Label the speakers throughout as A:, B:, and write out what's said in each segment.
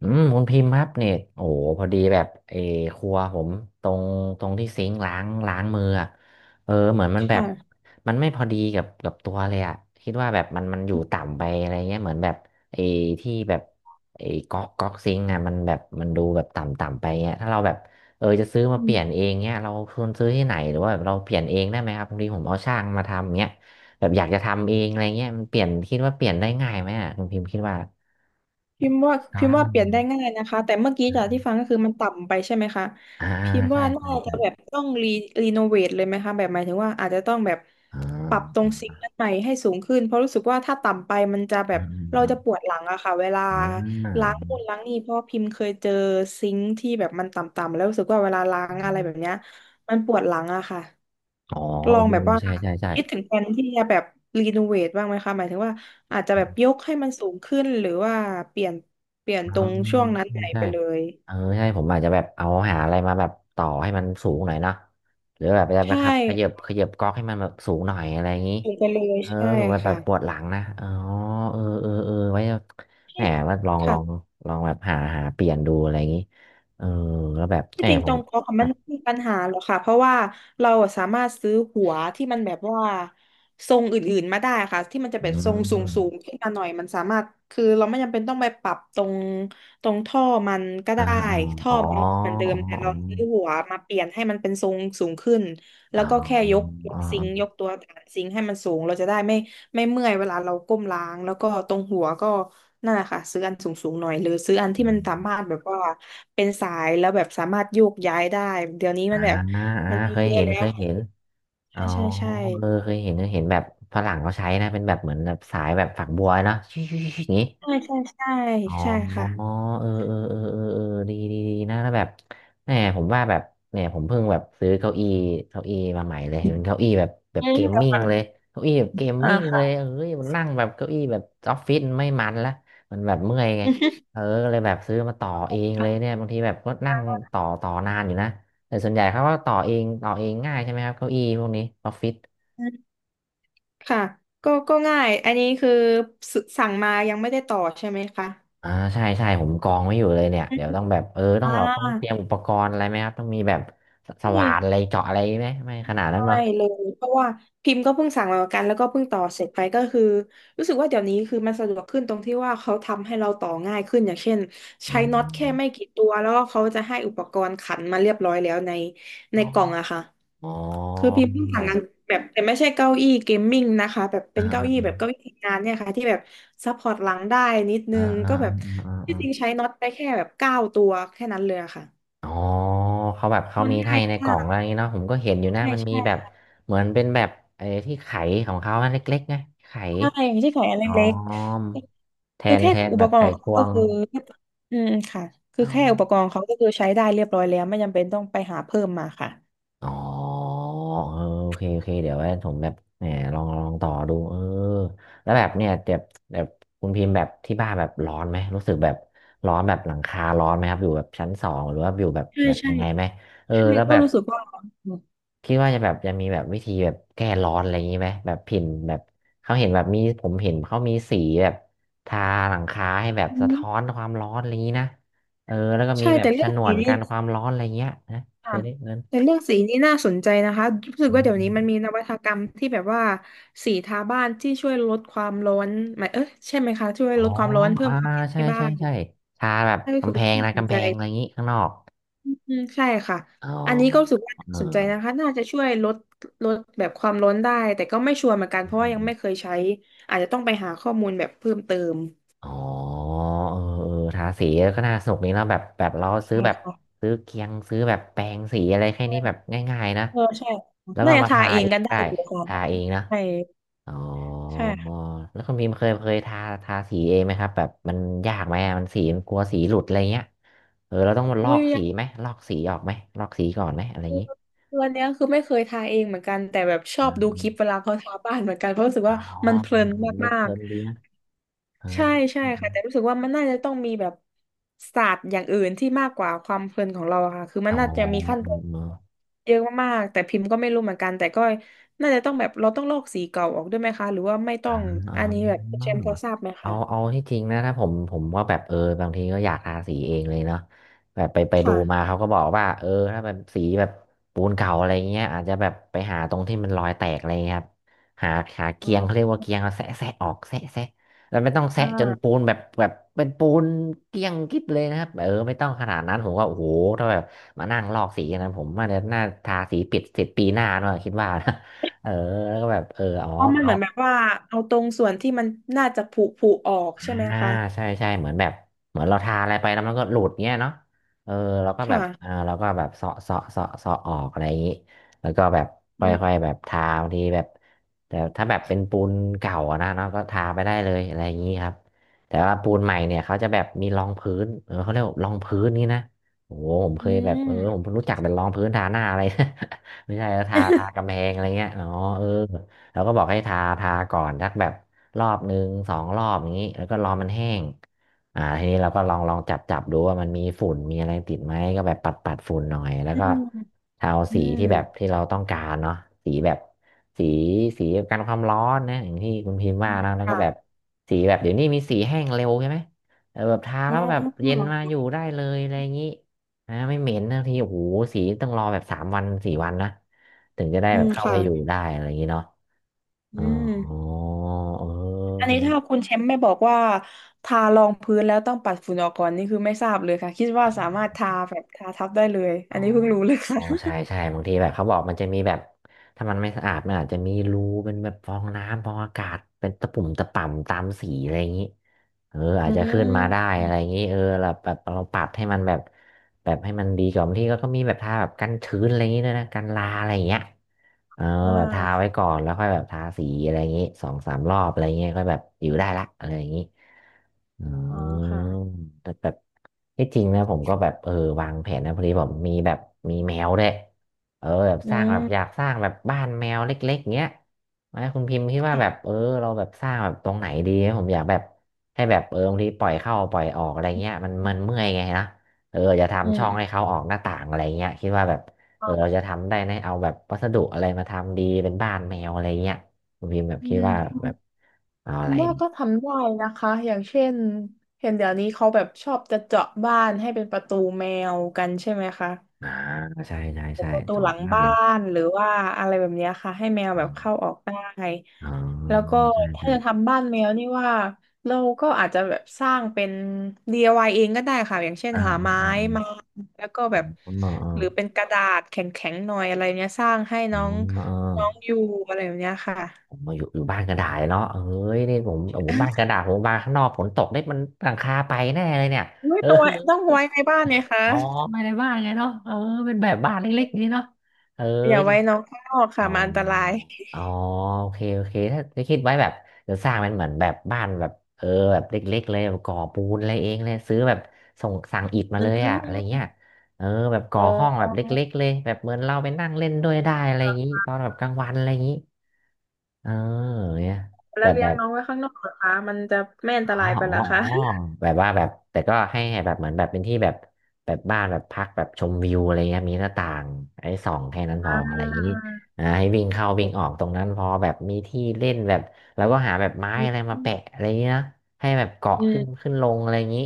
A: อืมคุณพิมพ์ครับเนี่ยโอ้โหพอดีแบบครัวผมตรงตรงที่ซิงค์ล้างมืออะเหมือนมันแบบ
B: ค่ะ
A: มันไม่พอดีกับตัวเลยอ่ะคิดว่าแบบมันอยู่ต่ำไปอะไรเงี้ยเหมือนแบบไอ้ที่แบบไอ้ก๊อกซิงค์อ่ะมันแบบมันดูแบบต่ำต่ำไปเงี้ยถ้าเราแบบจะซื้อ
B: อื
A: มาเปลี่ยน
B: ม
A: เองเงี้ยเราควรซื้อที่ไหนหรือว่าแบบเราเปลี่ยนเองได้ไหมครับบางทีผมเอาช่างมาทำเงี้ยแบบอยากจะทำเองอะไรเงี้ยมันเปลี่ยนคิดว่าเปลี่ยนได้ง่ายไหมอ่ะคุณพิมพ์คิดว่า
B: พิมพ์ว่า
A: ครั
B: พิมพ์ว่าเปลี่ยนได้
A: บ
B: ง่ายนะคะแต่เมื่อกี้จากที่ฟังก็คือมันต่ำไปใช่ไหมคะ
A: อ่า
B: พิมพ์
A: ใช่
B: ว่าน่าจะแบบต้องรีโนเวทเลยไหมคะแบบหมายถึงว่าอาจจะต้องแบบ
A: อ่
B: ปรับตร
A: า
B: งซิงค์นั้นใหม่ให้สูงขึ้นเพราะรู้สึกว่าถ้าต่ำไปมันจะแบ
A: อื
B: บ
A: ม
B: เรา
A: อ่า
B: จะปวดหลังอะค่ะเวลา
A: อ่า
B: ล้างนู่นล้างนี่เพราะพิมพ์เคยเจอซิงค์ที่แบบมันต่ำๆแล้วรู้สึกว่าเวลาล้างอะไรแบบเนี้ยมันปวดหลังอะค่ะ
A: อ๋อ
B: ลอง
A: เออ
B: แบบว่า
A: ใช่ใช่ใช่
B: คิดถึงแผนที่จะแบบรีโนเวทบ้างไหมคะหมายถึงว่า อาจจะแบบยกให้มันสูงขึ้นหรือว่าเปลี่ยนเปลี่ยน
A: อ๋อ
B: ตรงช่วงนั้น
A: ใช่
B: ไหน
A: ใช่
B: ไปเลย
A: เออใช่ผมอาจจะแบบเอาหาอะไรมาแบบต่อให้มันสูงหน่อยเนาะหรือแบบจะไป
B: ใช่
A: ขับขยับก๊อกให้มันแบบสูงหน่อยอะไรอย่างนี้
B: สูงไปเลย
A: เออ
B: ใช่
A: สูงแบบ
B: ค่ะ
A: ปวดหลังนะอ๋อเออเออเออไว้แหมว่าลองลอง
B: ค่ะ
A: ลองแบบหาเปลี่ยนดูอะไรอย่างนี้เออแล้วแบบแห
B: ที่จ
A: ม
B: ริง
A: ผ
B: ตร
A: ม
B: งก๊อกอะ
A: ค
B: มั
A: รั
B: น
A: บ
B: ไม่มีปัญหาหรอกค่ะเพราะว่าเราอะสามารถซื้อหัวที่มันแบบว่าทรงอื่นๆมาได้ค่ะที่มันจะ
A: อื
B: แบบทรงส
A: ม
B: ูงๆขึ้นมาหน่อยมันสามารถคือเราไม่จำเป็นต้องไปปรับตรงท่อมันก็
A: อ่า
B: ได้
A: อา
B: ท่อ
A: อ๋อ
B: มันเหมือนเดิ
A: อ๋อ
B: มแต่
A: อ๋
B: เรา
A: อ
B: ซื้อหัวมาเปลี่ยนให้มันเป็นทรงสูงขึ้นแล้
A: อ๋อ
B: วก็แค่ย
A: อ๋อ
B: กซิ
A: อ๋อ
B: งค์ยกตัวฐานซิงค์ให้มันสูงเราจะได้ไม่ ไม่เมื่อยเวลาเราก้มล้างแล้วก็ตรงหัวก็นั่นแหละค่ะซื้ออันสูงๆหน่อยหรือซื้ออันที่มันสามารถแบบว่าเป็นสายแล้วแบบสามารถโยกย้ายได้เดี๋ยวนี้
A: อ่า
B: มันแบบ
A: อ่า
B: มันมี
A: เคย
B: เยอะ
A: เห็น
B: แล้
A: เค
B: ว
A: ย
B: ค่ะ
A: เห็นอ๋
B: ใช่
A: อ
B: ใช่ใช่
A: เออเคยเห็นเคยเห็นแบบฝรั่งเขาใช้นะเป็นแบบเหมือนแบบสายแบบฝักบัวเนาะชิ่งๆๆๆอย่างนี้
B: ใช่ใช่ใช่
A: อ๋
B: ใช่ค่ะ
A: อเออเออเออเออเออดีดีดีนะแล้วแบบแหมผมว่าแบบเนี่ยผมเพิ่งแบบซื้อเก้าอี้มาใหม่เลยเป็นเก้าอี้แบบ
B: อื
A: เกม
B: ม
A: มิ่งเลยเก้าอี้แบบเกมมิ่งเลยเอ้ยมันนั่งแบบเก้าอี้แบบออฟฟิศไม่มันละมันแบบเมื่อยไงเออก็เลยแบบซื้อมาต่อเองเลยเนี่ยบางทีแบบก็นั่งต่อนานอยู่นะแต่ส่วนใหญ่เขาก็ต่อเองง่ายใช่ไหมครับเก้าอี้พวกนี้ออฟฟิศ
B: ค่ะก็ง่ายอันนี้คือสสั่งมายังไม่ได้ต่อใช่ไหมคะ
A: อ่าใช่ใช่ผมกองไว้อยู่เลยเนี่ย
B: อื
A: เดี๋
B: ม
A: ยวต้องแบบต้อ
B: อ่า
A: งเราต้องเตรียมอุปกรณ์อะไรไหมครับต้องมีแบบ
B: ใช่
A: ว่านอะไรเจาะอะไรไหมไม่ขนาดนั้น
B: ใช่
A: ปะ
B: เลยเพราะว่าพิมพ์ก็เพิ่งสั่งมาเหมือนกันแล้วก็เพิ่งต่อเสร็จไปก็คือรู้สึกว่าเดี๋ยวนี้คือมันสะดวกขึ้นตรงที่ว่าเขาทำให้เราต่อง่ายขึ้นอย่างเช่น
A: อ
B: ใช้น็อตแค่
A: ม
B: ไม่กี่ตัวแล้วก็เขาจะให้อุปกรณ์ขันมาเรียบร้อยแล้วใน
A: อ๋อ
B: กล่องอะค่ะ
A: อ๋อ
B: คือพิมพ์เพิ่งสั่งงานแบบแต่ไม่ใช่เก้าอี้เกมมิ่งนะคะแบบ
A: อ่
B: เป็นเก้าอี้แบบ
A: า
B: เก้าอี้ทำงานเนี่ยค่ะที่แบบซัพพอร์ตหลังได้นิดนึ
A: อ่า
B: ง
A: อ่า
B: ก็แบ
A: อ่า
B: บ
A: อ่า
B: ที่จริง
A: อา
B: ใช้น็อตไปแค่แบบเก้าตัวแค่นั้นเลยอะค่ะ
A: อ๋อเขาแบบเขา
B: มัน
A: มี
B: ง่า
A: ให้
B: ย
A: ในกล่
B: มา
A: อง
B: ก
A: อะไรอย่างงี้เนาะผมก็เห็นอยู่นะ
B: ใช่
A: มันมี
B: ใช่
A: แบบเหมือนเป็นแบบไอ้ที่ไขของเขาอันเล็กๆไงไข
B: ใช่ไม่ใช่ขายอัน
A: อ๋อ
B: เล็ก
A: แท
B: ๆคือ
A: น
B: แค่
A: แทน
B: อุ
A: แบ
B: ป
A: บ
B: ก
A: ไข
B: รณ์ของ
A: ค
B: เขา
A: ว
B: ก็
A: ง
B: คืออืมค่ะคือแค่อุปกรณ์เขาก็คือใช้ได้เรียบร้อยแล้วไม่จำเป็นต้องไปหาเพิ่มมาค่ะ
A: อ๋อเออโอเคโอเคเดี๋ยวไว้ผมแบบแหมลองต่อดูเออแล้วแบบเนี่ยแบบคุณพิมพ์แบบที่บ้านแบบร้อนไหมรู้สึกแบบร้อนแบบหลังคาร้อนไหมครับอยู่แบบชั้นสองหรือว่าอยู่แบบ
B: ใช่ใช่
A: ยังไงไหมเออ
B: ใช่
A: แล้ว
B: ก็
A: แบบ
B: รู้สึกว่า
A: คิดว่าจะแบบจะมีแบบวิธีแบบแก้ร้อนอะไรอย่างนี้ไหมแบบผิ่นแบบเขาเห็นแบบมีผมเห็นเขามีสีแบบทาหลังคาให้แบบ
B: อื
A: สะท้อน
B: ม
A: ความร้อนอะไรอย่างนี้นะเออแล้วก็มี
B: ใช่
A: แบบ
B: แต่
A: ฉ
B: เรื่อง
A: นว
B: สี
A: น
B: นี่
A: กันความร้อนอะไรเงี้ยนะเค
B: ค่ะ
A: ยได้เงิน
B: แต่เรื่องสีนี่น่าสนใจนะคะรู้สึกว่าเดี๋ยวนี้มันมีนวัตกรรมที่แบบว่าสีทาบ้านที่ช่วยลดความร้อนหมายใช่ไหมคะช่วย
A: อ๋อ
B: ลดความร้อนเพิ่
A: อ่า
B: มความเย็น
A: ใช่
B: ให้บ้า
A: ใช่
B: น
A: ใช่ทาแบบ
B: น่ารู้สึ
A: กำ
B: ก
A: แพ
B: ว่า
A: ง
B: น่า
A: นะ
B: สน
A: กำแพ
B: ใจ
A: งอะไรอย่างงี้ข้างนอก
B: อืมใช่ค่ะ
A: อ๋อ
B: อันนี้ก็รู้สึกว่า
A: เอ
B: น่า
A: อ
B: สนใจนะคะน่าจะช่วยลดแบบความร้อนได้แต่ก็ไม่ชัวร์เหมือนกัน
A: อื
B: เพ
A: ม
B: ราะ
A: อื
B: ว่า
A: ม
B: ยั
A: อ
B: ง
A: ม
B: ไม่เคยใช้อาจจะต้องไปหาข้อมูลแบบเพิ่มเติม
A: อ๋อเออเออทาสีก็น่าสนุกนี้เนาะแบบเราซื้อ
B: ใช่
A: แบบ
B: ค่ะ
A: ซื้อเคียงซื้อแบบแปรงสีอะไรแค่นี้แบบง่ายๆนะ
B: เออใช่
A: แล้วก็
B: น่าจะ
A: มา
B: ทา
A: ทา
B: เอง
A: เอ
B: กั
A: ง
B: นได้
A: ได้
B: อยู่ค่ะ
A: ทาเองนะ
B: ใช่
A: อ๋อ
B: ใช่
A: แล้วคุณพิมพ์เคยทาสีเองไหมครับแบบมันยากไหมอะมันสีมันกลัวสีหลุดอะไรเงี้ยเออเราต้องมาลอ
B: วิ
A: ก
B: วย
A: สี
B: ง
A: ไหมลอกสีออกไหมลอกสีก่อนไหมอะไรอย่างงี้
B: ตัวเนี้ยคือไม่เคยทาเองเหมือนกันแต่แบบชอบดูคลิปเวลาเขาทาบ้านเหมือนกันเพราะรู้สึก
A: อ๋
B: ว่ามัน
A: อ
B: เพ
A: เอ
B: ลิ
A: อ
B: น
A: เ
B: มา
A: พ
B: ก
A: ลินดีนะเออ
B: ใช่ใช่
A: เออเอ
B: ค่ะแต่
A: อ
B: รู้สึกว่ามันน่าจะต้องมีแบบศาสตร์อย่างอื่นที่มากกว่าความเพลินของเราอะค่ะคือมั
A: อ๋
B: น
A: อ
B: น่าจะมีขั้น
A: เอ
B: ตอ
A: อ
B: น
A: เออ
B: เยอะมากๆแต่พิมพ์ก็ไม่รู้เหมือนกันแต่ก็น่าจะต้องแบบเราต้องลอกสีเก่าออกด้วยไหมคะหรือว่าไม่ต้
A: อ
B: องอันนี้
A: า
B: แบบคุณเชมป์พอทราบไหม
A: อ๋อ
B: คะ
A: เอาเอาที่จริงนะถ้าผมว่าแบบบางทีก็อยากทาสีเองเลยเนาะแบบไปดู
B: ค่ะ
A: มาเขาก็บอกว่าถ้าแบบสีแบบปูนเก่าอะไรเงี้ยอาจจะแบบไปหาตรงที่มันรอยแตกอะไรเงี้ยครับหาหา
B: อ๋
A: เกียงเขาเรีย
B: อ
A: กว่าเกียงเอาแซะแซะออกแซะแซะแล้วไม่ต้องแซะ
B: อ่า
A: จนปูนแบบเป็นปูนเกลี้ยงกิ๊บเลยนะครับเออไม่ต้องขนาดนั้นผมว่าโอ้โหถ้าแบบมานั่งลอกสีอย่างนั้นผมว่าเดี๋ยวน่าทาสีปิดเสร็จปีหน้าเนอะคิดว่านะ เออแล้วก็แบบเอออ๋อ
B: เพราะมันเห
A: เอา
B: มือนแบบว่าเอาตรงส่วนที่มันน่าจะผุออกใช่ไหม
A: อ่า
B: คะ
A: ใช่ใช่เหมือนแบบเหมือนเราทาอะไรไปแล้วมันก็หลุดเงี้ยเนาะเออเราก็แบบอ่า
B: ค่ะ
A: เราก็แบบเสาะเสาะเสาะเสาะออกอะไรอย่างนี้แล้วก็แบบค
B: อืม
A: ่อยๆแบบทาบางทีแบบแต่ถ้าแบบเป็นปูนเก่าอะนะเนาะก็ทาไปได้เลยอะไรอย่างนี้ครับแต่ว่าปูนใหม่เนี่ยเขาจะแบบมีรองพื้นเขาเรียกว่ารองพื้นนี่นะโอ้โหผมเคยแบบผมเพิ่งรู้จักเป็นรองพื้นทาหน้าอะไร ไม่ใช่ทาทากำแพ งอะไรเงี้ยอ๋อเออ แล้วก็บอกให้ทาทาก่อนสักแบบรอบหนึ่งสองรอบอย่างนี้แล้วก็รอมันแห้งทีนี้เราก็ลองลองจับจับดูว่ามันมีฝุ่นมีอะไรติดไหมก็แบบปัดปัดฝุ่นหน่อยแล้ว
B: อื
A: ก็
B: มอื
A: ทาสี
B: ม
A: ที่แบบที่เราต้องการเนาะสีแบบสีสีกันความร้อนนะอย่างที่คุณพิมพ์
B: อื
A: ว่า
B: ม
A: นะแล้วก็
B: ค่ะ
A: แบบสีแบบเดี๋ยวนี้มีสีแห้งเร็วใช่ไหมเออแบบทา
B: อ๋อ
A: แล้วแบบเย็น
B: เหรอ
A: มาอยู่
B: คะ
A: ได้เลยอะไรอย่างนี้นะไม่เหม็นนะทีโอ้โหสีต้องรอแบบ3 วัน 4 วันนะถึงจะได้
B: อื
A: แบบ
B: ม
A: เข้าไป
B: ค่ะ
A: อยู่ได้อะไรอย่างนี้เนาะ
B: อื
A: อ๋
B: ม
A: อ
B: อัน
A: เอ
B: นี้ถ้า
A: อ
B: คุณแชมป์ไม่บอกว่าทารองพื้นแล้วต้องปัดฝุ่นออกก่อนนี่คือไม่ทราบเลยค่ะคิดว่าสามารถทาทับได้เลย
A: อ๋
B: อั
A: อ
B: นนี้เพิ่งรู้เลย
A: อ๋
B: ค่ะ
A: อใช่ใช่บางทีแบบเขาบอกมันจะมีแบบถ้ามันไม่สะอาดมันอาจจะมีรูเป็นแบบฟองน้ำฟองอากาศ เป็นตะปุ่มตะป่ำตามสีอะไรอย่างนี้เออ อา
B: อื
A: จจะขึ้น
B: ม
A: มาได้อะไรอย่างนี้ เออแบบเราปรับให้มันแบบ แบบให้มันดีกว่าบางทีก็มีแบบทาแบบกันชื้นอะไรอย่างงี้ด้วยนะกันราอะไรอย่างเงี้ยเออ
B: ว่า
A: แบบทาไว้ก่อนแล้วค่อยแบบทาสีอะไรอย่างงี้2 3 รอบอะไรอย่างเงี้ยก็แบบอยู่ได้ละอะไรอย่างงี้อื
B: อ๋อ
A: ม
B: ค่ะ
A: แต่แบบที่จริงนะผมก็แบบเออวางแผนนะพอดีผมมีแบบมีแมวด้วยเออแบบ
B: อื
A: สร้างแบบอยา
B: ม
A: กสร้างแบบบ้านแมวเล็กๆเงี้ยไหม่คุณพิมพ์คิดว่าแบบ
B: ค่ะ
A: เออเราแบบสร้างแบบตรงไหนดีผมอยากแบบให้แบบเออบางทีปล่อยเข้าปล่อยออกอะไรเงี้ยมันเมื่อยไงนะ เอออย่า
B: อื
A: ทำช่องให้
B: ม
A: เขาออกหน้าต่างอะไรเงี้ยคิดว่าแบบ
B: อ
A: เออ
B: ม
A: เราจะทำได้ไหมเอาแบบวัสดุอะไรมาทำดีเป็นบ้านแมวอะไรเงี้ยคุณพิมพ์แบบ
B: อื
A: คิดว่าแบบ
B: ม
A: เอาอะไร
B: ว่า
A: ดี
B: ก็ทำได้นะคะอย่างเช่นเห็นเดี๋ยวนี้เขาแบบชอบจะเจาะบ้านให้เป็นประตูแมวกันใช่ไหมคะ
A: อ่าใช่ใช่ใช่
B: ประตู
A: ชอ
B: หลั
A: บ
B: ง
A: มาก
B: บ้า
A: เลย
B: นหรือว่าอะไรแบบเนี้ยค่ะให้แมว
A: อ๋
B: แบบเข้า
A: อ
B: ออกได้
A: อ๋อ
B: แล้วก็
A: ใช่
B: ถ้า
A: ใช่
B: จะทำบ้านแมวนี่ว่าเราก็อาจจะแบบสร้างเป็น DIY เองก็ได้ค่ะอย่างเช่นหา
A: อืม
B: ไม้
A: อืมอืม
B: มาแล้วก็แบ
A: อื
B: บ
A: มเอ
B: หรือเป็
A: อ
B: นกระดาษแข็งๆหน่อยอะไรเนี้ยสร้างให้
A: เออ
B: น้อง
A: เออ
B: น้องอยู่อะไรแบบเนี้ยค่ะ
A: ผมมาอยู่บ้านกระดาษเนาะเอ้ยนี่ผมโอ้โหบ้านกระดาษผมบ้านข้างนอกฝนตกได้มันหลังคาไปแน่เลยเนี่ย
B: อุ๊ย
A: เออ
B: ต้องไว้ในบ้านเนี่ย ค่ะ
A: อ๋อไม่ได้บ้านไงเนาะเออเป็นแบบบ้านเล็กๆนี่เนาะเออ
B: อย่าไว้น้องข้างนอก
A: อ๋
B: ค่ะ
A: อ
B: มันอันตราย
A: อ๋อโอเคโอเค ถ้าจะคิดไว้แบบจะสร้างเป็นเหมือนแบบบ้านแบบเออแบบเล็กๆเลยแบบก่อปูนอะไรเองเลยซื้อแบบส่งสั่งอิฐมา
B: อื
A: เลยอะอะไร
B: ม
A: เงี้ยเออแบบก่
B: อ๋
A: อ
B: อ
A: ห้องแบบเล็กๆเลยแบบเหมือนเราไปนั่งเล่นด้วยได้อะไรอย่างงี้ตอนแบบกลางวันอะไรอย่างงี้เออเนี่ย
B: แล้
A: แบ
B: ว
A: บ
B: เลี้
A: แบ
B: ยง
A: บ
B: น้องไว้ข้างนอกเหรอคะมันจะไม่อัน
A: อ๋อ
B: ตรายไปเหร
A: อ๋
B: อ
A: อ
B: คะ
A: อ๋อแบบว่าแบบแต่ก็ให้แบบเหมือนแบบเป็นที่แบบแบบบ้านแบบพักแบบชมวิวอะไรเงี้ยมีหน้าต่างไอ้ส่องแค่นั้นพ
B: อ่
A: ออะไรอย่างนี้
B: า
A: ให้วิ่งเข้าวิ่
B: จะ
A: งออกตรงนั้นพอแบบมีที่เล่นแบบแล้วก็หาแบบไม้
B: คิ
A: อะไรมาแปะ
B: ด
A: อะไรอย่างนี้นะให้แบบเกาะ
B: อื
A: ขึ้น
B: ม
A: ขึ้นลงอะไรอย่างนี้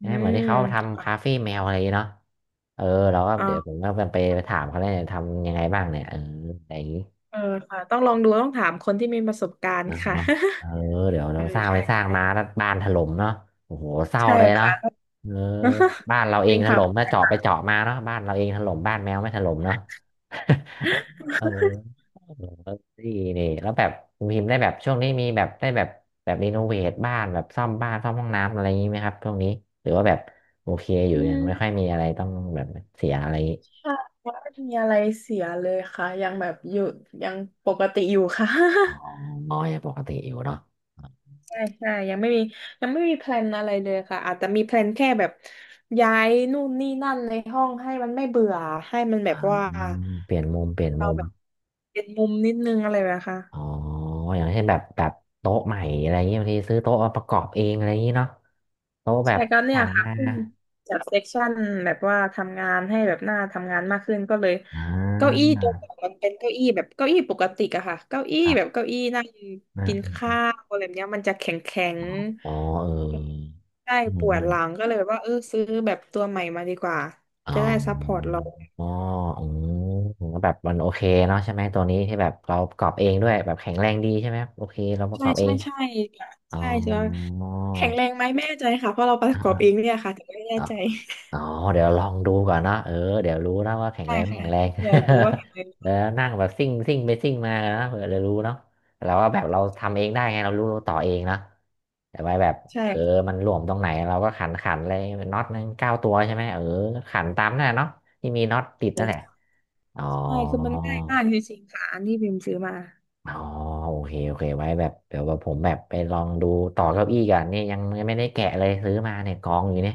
B: อื
A: นะเหมือน
B: ม
A: ที่เขาทำ
B: อ่า
A: คาเฟ่แมวอะไรอย่างงี้เนาะเออเราก็เดี๋ย
B: อ่า
A: วผมก็ไปถามเขาเลยทำยังไงบ้างเนี่ยเอออะไรอย่างนี้
B: เออค่ะต้องลองดูต้องถามคนที่มีประสบการ
A: เน
B: ณ์
A: อะ
B: ค่ะ
A: เนาะเออเดี๋ยว
B: เอ
A: เราส
B: อ
A: ร้างไป
B: ใช่
A: สร้าง
B: ใช่
A: มาแล้วบ้านถล่มเนาะโอ้โหเศร้า
B: ใช่
A: เลยเนาะ
B: ค่ะ
A: เออบ้านเรา เอ
B: จริ
A: ง
B: ง
A: ถ
B: ค่ะ
A: ล่มนะเจาะไปเจาะมาเนาะบ้านเราเองถล่มบ้านแมวไม่ถล่มเนาะ เออเออนี่นี่แล้วแบบคุณพิมพ์ได้แบบช่วงนี้มีแบบได้แบบแบบรีโนเวทบ้านแบบซ่อมบ้านซ่อมห้องน้ำอะไรอย่างนี้ไหมครับช่วงนี้หรือว่าแบบโอเคอยู่
B: อื
A: ยังไม่ค่อย
B: ม
A: มีอะไรต้องแบบเสียอะไร
B: ค่ะว่ามีอะไรเสียเลยค่ะยังแบบอยู่ยังปกติอยู่ค่ะ
A: อ๋อ น้อยปกติอยู่เนาะ
B: ใช่ใช่ยังไม่มียังไม่มีแพลนอะไรเลยค่ะอาจจะมีแพลนแค่แบบย้ายนู่นนี่นั่นในห้องให้มันไม่เบื่อให้มันแบ
A: อื
B: บ
A: ม
B: ว่า
A: เปลี่ยนมุมเปลี่ยน
B: เรา
A: มุม
B: แบบเป็นมุมนิดนึงอะไรแบบนี้ค่ะ
A: อ๋ออย่างเช่นแบบโต๊ะใหม่อะไรเงี้ยบางทีซื้อโต๊ะมาประกอบเองอะไรอย่างงี้เนาะโต๊ะแบ
B: ใช่
A: บ
B: ก็เนี่ย
A: สั่ง
B: ค่ะ
A: มา
B: ขึ้นจากเซ็กชันแบบว่าทำงานให้แบบหน้าทำงานมากขึ้นก็เลย
A: อ่
B: เก้าอี้
A: า
B: ตัวก่อนมันเป็นเก้าอี้แบบเก้าอี้ปกติอะค่ะเก้าอี้
A: ครั
B: แบบ
A: บ
B: เก้าอี้นั่ง
A: อ่
B: กิน
A: า
B: ข้าวอะไรแบบเนี้ยมันจะแข็งแข็ง
A: อ๋อเออ
B: ใช่ป
A: ไม่
B: ว
A: ไม
B: ด
A: อน
B: หลังก็เลยแบบว่าเออซื้อแบบตัวใหม่มาดีกว่า
A: อ๋อ
B: จะได้ซัพพอร์ตเรา
A: อ๋ออืมแล้วแบบมันโอเคเนาะใช่ไหมตัวนี้ที่แบบเราประกอบเองด้วยแบบแข็งแรงดีใช่ไหมครับโอเคเราประ
B: ใช่
A: กอบเอ
B: ใช่
A: ง
B: ใช่ค่ะ
A: อ๋อ
B: ใช่ใช่แข็งแรงไหมไม่แน่ใจค่ะเพราะเราประกอบเอง
A: อ
B: เนี่ยค่ะถึงไม่แน่
A: ๋อ
B: ใจ
A: อ๋อเดี๋ยวลองดูก่อนเนาะเออเดี๋ยวรู้นะว่าแข็ง
B: ใช่
A: แรงไม่
B: ค่ะ
A: แข็งแรง
B: เดี๋ยวรู้ว่าแข็งแร ง
A: แล้วนั่งแบบซิ่งซิ่งไปซิ่งมานะเผื่อจะรู้เนาะเราว่าแบบเราทำเองได้ไงเรารู้รูต่อเองเนาะแต่ไว้แบบ
B: ใช่
A: เออมันหลวมตรงไหนเราก็ขันขันเลยน็อตนึง9 ตัวใช่ไหมเออขันตามนั่นแหละเนาะที่มีน็อตติดนั่นแหละอ๋อ
B: ใช่คือมันง่ายมากจริงๆค่ะอันที่พิมพ์ซื้อมา
A: อ๋อโอเคโอเคไว้แบบเดี๋ยวแบบผมแบบไปลองดูต่อเก้าอี้กัอนเนี่ยยังไม่ได้แกะเลยซื้อมาเนี่ยกองอยู่เนี่ย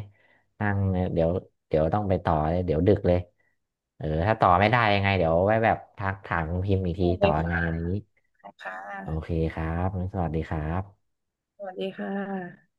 A: นั่งเนี่ยเดี๋ยวต้องไปต่อเลยเดี๋ยวดึกเลยเออถ้าต่อไม่ได้ยังไงเดี๋ยวไว้แบบทักถามคุณพิมพ์อีกที
B: ได้เล
A: ต่อ
B: ย
A: ยังไงอะไรอย่าง
B: ค่ะ
A: นี้
B: ค่
A: โอเค
B: ะ
A: ครับงั้นสวัสดีครับ
B: สวัสดีค่ะ